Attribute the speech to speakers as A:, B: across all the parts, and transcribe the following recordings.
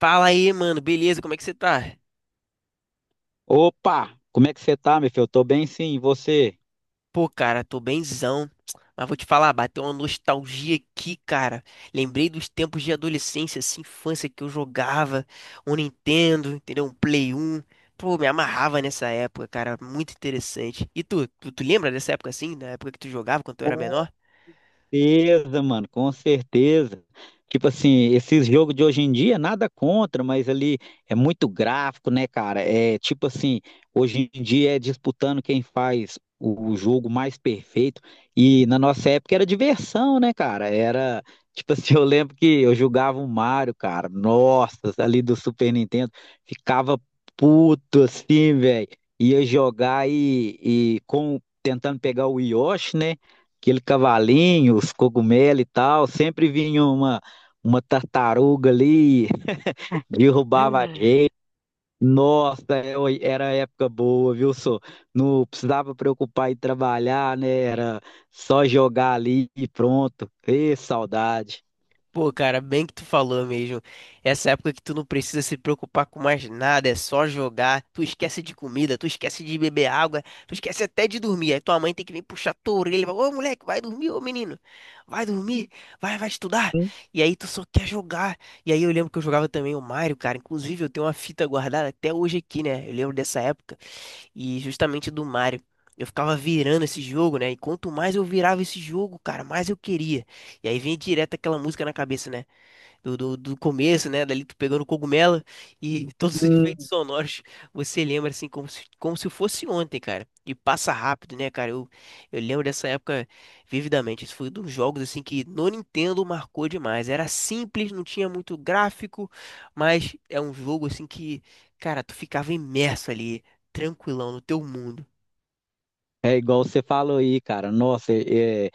A: Fala aí, mano, beleza? Como é que você tá?
B: Opa, como é que você tá, meu filho? Eu tô bem sim, e você?
A: Pô, cara, tô bemzão. Mas vou te falar, bateu uma nostalgia aqui, cara. Lembrei dos tempos de adolescência, assim, infância que eu jogava um Nintendo, entendeu? Um Play 1. Pô, me amarrava nessa época, cara, muito interessante. E tu lembra dessa época assim, da época que tu jogava quando tu era menor?
B: Certeza, mano, com certeza. Tipo assim, esses jogos de hoje em dia, nada contra, mas ali é muito gráfico, né, cara? É tipo assim, hoje em dia é disputando quem faz o jogo mais perfeito. E na nossa época era diversão, né, cara? Era tipo assim, eu lembro que eu jogava o Mario, cara. Nossa, ali do Super Nintendo, ficava puto assim, velho. Ia jogar e com tentando pegar o Yoshi, né? Aquele cavalinho, os cogumelos e tal, sempre vinha uma tartaruga ali, derrubava a gente. Nossa, era época boa, viu, só? Não precisava preocupar em trabalhar, né? Era só jogar ali e pronto. Ê, saudade.
A: Pô, cara, bem que tu falou mesmo. Essa época que tu não precisa se preocupar com mais nada, é só jogar. Tu esquece de comida, tu esquece de beber água, tu esquece até de dormir. Aí tua mãe tem que vir puxar tua orelha e falar, ô moleque, vai dormir, ô menino. Vai dormir, vai, vai estudar. E aí tu só quer jogar. E aí eu lembro que eu jogava também o Mario, cara. Inclusive eu tenho uma fita guardada até hoje aqui, né? Eu lembro dessa época e justamente do Mario. Eu ficava virando esse jogo, né? E quanto mais eu virava esse jogo, cara, mais eu queria. E aí vem direto aquela música na cabeça, né? Do começo, né? Dali tu pegando cogumelo e todos os efeitos sonoros, você lembra assim como se fosse ontem, cara. E passa rápido, né, cara? Eu lembro dessa época vividamente. Isso foi um dos jogos assim que no Nintendo marcou demais. Era simples, não tinha muito gráfico, mas é um jogo assim que, cara, tu ficava imerso ali, tranquilão no teu mundo.
B: É igual você falou aí, cara. Nossa,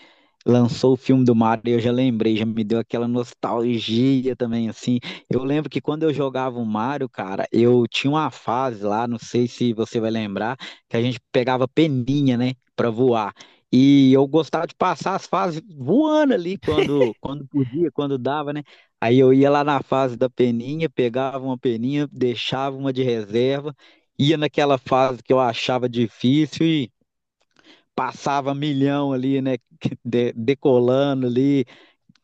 B: lançou o filme do Mario eu já lembrei, já me deu aquela nostalgia também, assim. Eu lembro que quando eu jogava o Mario, cara, eu tinha uma fase lá, não sei se você vai lembrar, que a gente pegava peninha, né, pra voar. E eu gostava de passar as fases voando ali quando podia, quando dava, né? Aí eu ia lá na fase da peninha, pegava uma peninha, deixava uma de reserva, ia naquela fase que eu achava difícil e passava milhão ali, né? Decolando ali,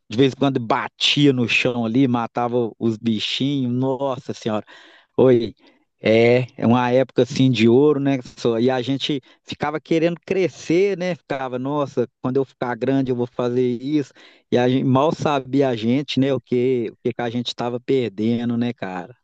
B: de vez em quando batia no chão ali, matava os bichinhos. Nossa Senhora, oi. É, é uma época assim de ouro, né? E a gente ficava querendo crescer, né? Ficava, nossa, quando eu ficar grande eu vou fazer isso. E a gente, mal sabia a gente, né? O que que a gente estava perdendo, né, cara?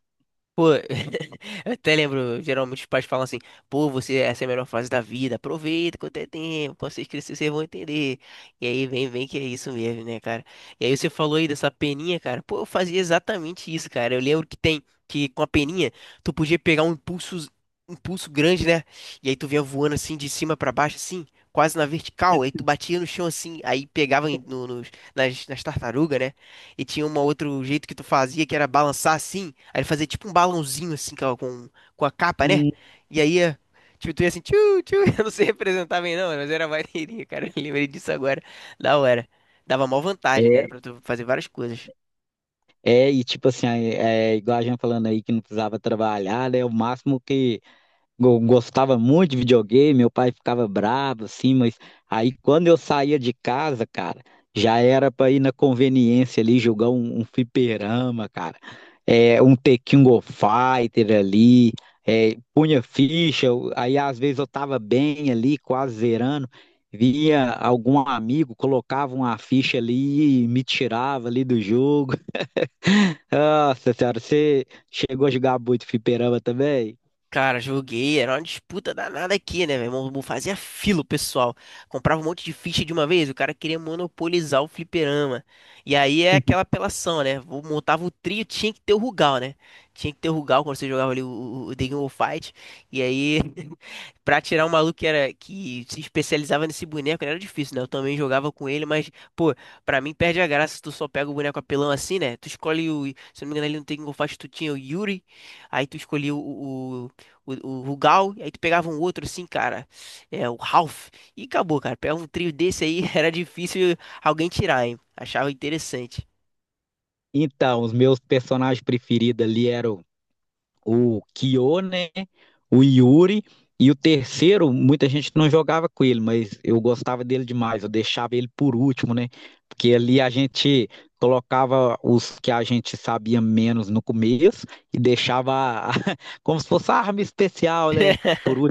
A: Pô, eu até lembro, geralmente os pais falam assim, pô, você, essa é a melhor fase da vida, aproveita quanto é tempo, quando vocês crescerem, vocês vão entender. E aí vem, vem que é isso mesmo, né, cara? E aí você falou aí dessa peninha, cara, pô, eu fazia exatamente isso, cara. Eu lembro que tem, que com a peninha, tu podia pegar um impulso grande, né? E aí tu vinha voando assim, de cima pra baixo, assim, quase na vertical, aí tu batia no chão assim, aí pegava em- no, nos- nas, nas tartarugas, né? E tinha um outro jeito que tu fazia, que era balançar assim. Aí ele fazia tipo um balãozinho assim com a capa, né?
B: Hum.
A: E aí, tipo, tu ia assim, tchu, tchu. Eu não sei representar bem não, mas era maneirinho, cara. Eu lembrei disso agora. Da hora. Dava mó vantagem, né?
B: É,
A: Pra tu fazer várias coisas.
B: é, e tipo assim, igual a gente falando aí que não precisava trabalhar, né? O máximo que eu gostava muito de videogame, meu pai ficava bravo, assim, mas aí quando eu saía de casa, cara, já era pra ir na conveniência ali jogar um fliperama, cara. É, um The King of Fighter ali, é, punha ficha, aí às vezes eu tava bem ali, quase zerando, vinha algum amigo, colocava uma ficha ali e me tirava ali do jogo. Nossa senhora, você chegou a jogar muito fliperama também?
A: Cara, joguei, era uma disputa danada aqui, né, meu irmão? Não fazia fila o pessoal. Comprava um monte de ficha de uma vez, o cara queria monopolizar o fliperama. E aí é aquela apelação, né? Montava o trio, tinha que ter o Rugal, né? Tinha que ter o Rugal quando você jogava ali o, o The King of Fight. E aí, pra tirar um maluco que, era, que se especializava nesse boneco, né, era difícil, né? Eu também jogava com ele, mas, pô, pra mim perde a graça se tu só pega o boneco apelão assim, né? Tu escolhe o. Se eu não me engano, ali no The King of Fight tu tinha o Yuri, aí tu escolhia o o Rugal, e aí tu pegava um outro assim, cara, é, o Ralph, e acabou, cara. Pegava um trio desse aí, era difícil alguém tirar, hein? Achava interessante.
B: Então, os meus personagens preferidos ali eram o Kyo, né? O Yuri. E o terceiro, muita gente não jogava com ele, mas eu gostava dele demais. Eu deixava ele por último, né? Porque ali a gente colocava os que a gente sabia menos no começo e como se fosse a arma especial, né? Por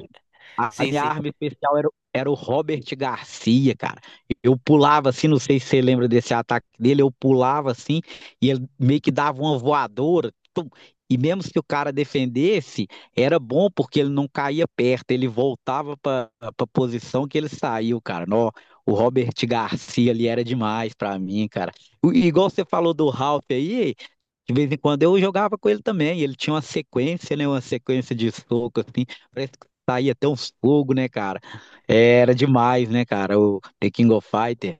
B: a
A: Sim,
B: minha
A: sim.
B: arma especial era, era o Robert Garcia, cara. Eu pulava assim, não sei se você lembra desse ataque dele, eu pulava assim e ele meio que dava uma voadora. E mesmo que o cara defendesse, era bom porque ele não caía perto, ele voltava para a posição que ele saiu, cara. Nó, o Robert Garcia ali era demais para mim, cara. E, igual você falou do Ralph aí, de vez em quando eu jogava com ele também. Ele tinha uma sequência, né? Uma sequência de soco, assim. Parece que saía até uns fogo, né, cara? É, era demais, né, cara? O The King of Fighters.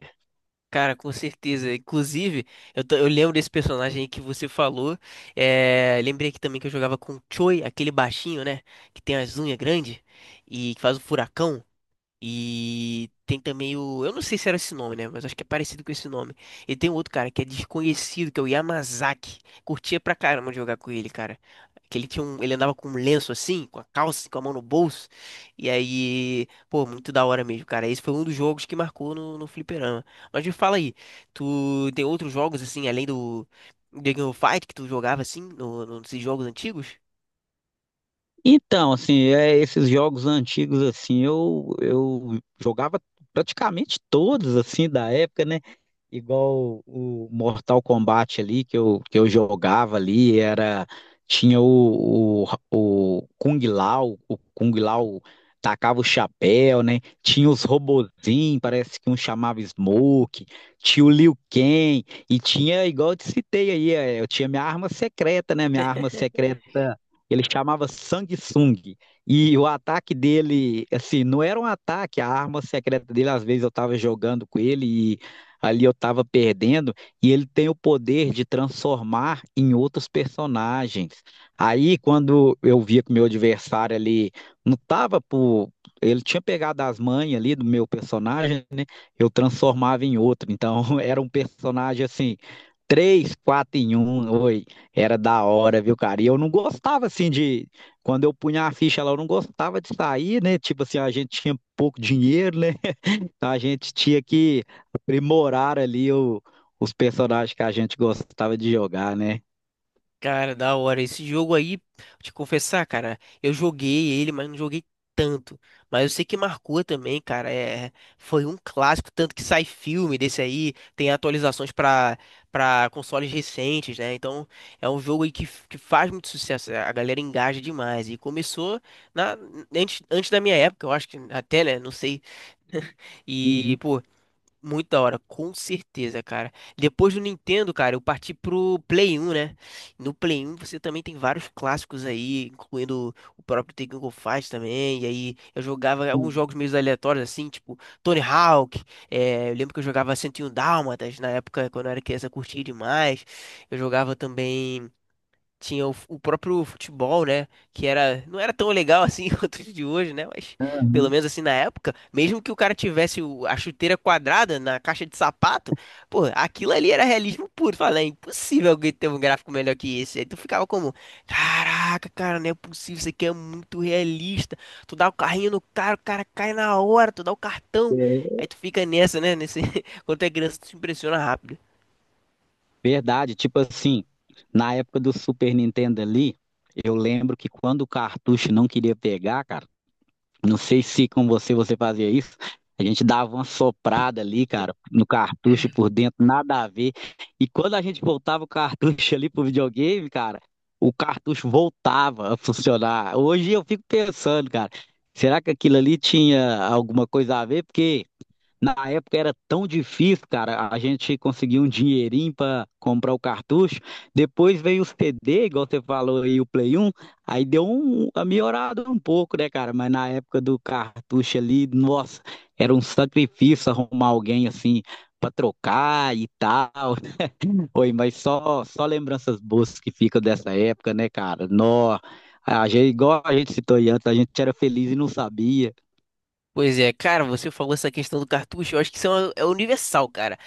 A: Cara, com certeza. Inclusive, eu lembro desse personagem aí que você falou. É, lembrei aqui também que eu jogava com o Choi, aquele baixinho, né? Que tem as unhas grandes e que faz o furacão. E tem também o. Eu não sei se era esse nome, né? Mas acho que é parecido com esse nome. E tem um outro cara que é desconhecido, que é o Yamazaki. Curtia pra caramba de jogar com ele, cara. Que ele tinha um. Ele andava com um lenço assim, com a calça, com a mão no bolso. E aí. Pô, muito da hora mesmo, cara. Esse foi um dos jogos que marcou no, no fliperama. Mas me fala aí, tu tem outros jogos assim, além do. Dragon Fight que tu jogava assim, nesses jogos antigos?
B: Então, assim, é, esses jogos antigos, assim, eu jogava praticamente todos, assim, da época, né? Igual o Mortal Kombat ali que eu jogava ali, era tinha o Kung Lao tacava o chapéu, né? Tinha os robozinhos, parece que um chamava Smoke, tinha o Liu Kang e tinha igual eu te citei aí, é, eu tinha minha arma secreta, né? Minha arma secreta ele chamava Samsung. E o ataque dele, assim, não era um ataque, a arma secreta dele, às vezes eu tava jogando com ele ali eu estava perdendo, e ele tem o poder de transformar em outros personagens. Aí, quando eu via que o meu adversário ali não estava por. Ele tinha pegado as manhas ali do meu personagem, né? Eu transformava em outro. Então, era um personagem assim, três, quatro em um. Oi, era da hora, viu, cara? E eu não gostava assim de. Quando eu punha a ficha lá, eu não gostava de sair, né? Tipo assim, a gente tinha pouco dinheiro, né? Então, a gente tinha que aprimorar os personagens que a gente gostava de jogar, né?
A: Cara, da hora. Esse jogo aí, vou te confessar, cara, eu joguei ele, mas não joguei tanto. Mas eu sei que marcou também, cara. É, foi um clássico, tanto que sai filme desse aí, tem atualizações pra para consoles recentes, né? Então, é um jogo aí que, que faz muito sucesso. A galera engaja demais. E começou na, antes da minha época, eu acho que até, né? Não sei. E,
B: Uhum.
A: pô, muito da hora, com certeza, cara. Depois do Nintendo, cara, eu parti pro Play 1, né? No Play 1 você também tem vários clássicos aí, incluindo o próprio Tekken Go Fight também. E aí eu jogava alguns
B: Uhum.
A: jogos meio aleatórios, assim, tipo Tony Hawk. Eu lembro que eu jogava 101 Dálmatas na época, quando eu era criança, eu curtia demais. Eu jogava também tinha o próprio futebol, né? Que era, não era tão legal assim quanto o de hoje, né? Mas pelo
B: Aham.
A: menos assim na época, mesmo que o cara tivesse a chuteira quadrada na caixa de sapato, pô, aquilo ali era realismo puro. Fala, é impossível alguém ter um gráfico melhor que esse. Aí tu ficava como, caraca, cara, não é possível, isso aqui é muito realista. Tu dá o carrinho no cara, o cara cai na hora, tu dá o cartão.
B: É
A: Aí tu fica nessa, né? Nesse, quando tu é criança, tu se impressiona rápido.
B: verdade, tipo assim, na época do Super Nintendo ali, eu lembro que quando o cartucho não queria pegar, cara, não sei se com você fazia isso. A gente dava uma soprada ali, cara, no cartucho por dentro, nada a ver. E quando a gente voltava o cartucho ali pro videogame, cara, o cartucho voltava a funcionar. Hoje eu fico pensando, cara, será que aquilo ali tinha alguma coisa a ver? Porque na época era tão difícil, cara, a gente conseguia um dinheirinho pra comprar o cartucho. Depois veio o CD, igual você falou aí, o Play um, aí deu uma melhorada um pouco, né, cara? Mas na época do cartucho ali, nossa, era um sacrifício arrumar alguém assim pra trocar e tal. Oi, mas só lembranças boas que ficam dessa época, né, cara? Nó, a gente, igual a gente citou aí antes, a gente era feliz e não sabia.
A: Pois é, cara, você falou essa questão do cartucho, eu acho que isso é, é universal, cara.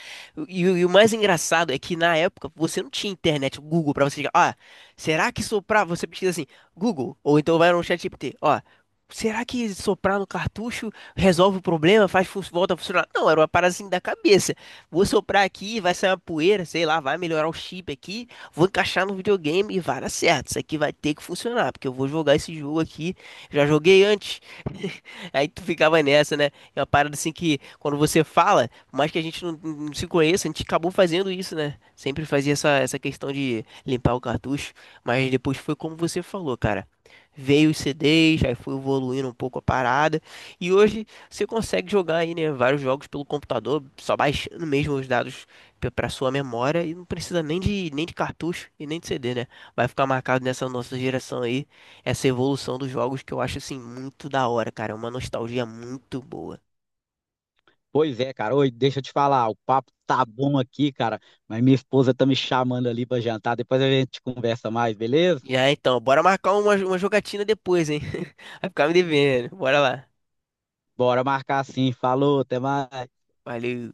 A: E o mais engraçado é que na época você não tinha internet, o Google, pra você chegar, ó, será que soprar, você pesquisa assim, Google, ou então vai no chat GPT, ó, será que soprar no cartucho resolve o problema, faz, volta a funcionar? Não, era uma parada assim da cabeça. Vou soprar aqui, vai sair uma poeira, sei lá, vai melhorar o chip aqui, vou encaixar no videogame e vai dar certo, isso aqui vai ter que funcionar, porque eu vou jogar esse jogo aqui, já joguei antes. Aí tu ficava nessa, né? É uma parada assim que quando você fala, por mais que a gente não se conheça, a gente acabou fazendo isso, né? Sempre fazia essa, essa questão de limpar o cartucho, mas depois foi como você falou, cara. Veio os CDs, aí foi evoluindo um pouco a parada. E hoje você consegue jogar aí, né, vários jogos pelo computador, só baixando mesmo os dados pra sua memória e não precisa nem de, nem de cartucho e nem de CD, né? Vai ficar marcado nessa nossa geração aí essa evolução dos jogos que eu acho assim muito da hora, cara. É uma nostalgia muito boa.
B: Pois é, cara. Oi, deixa eu te falar, o papo tá bom aqui, cara, mas minha esposa tá me chamando ali pra jantar. Depois a gente conversa mais, beleza?
A: Já então, bora marcar uma jogatina depois, hein? Vai ficar me devendo. Bora lá.
B: Bora marcar sim. Falou, até mais.
A: Valeu.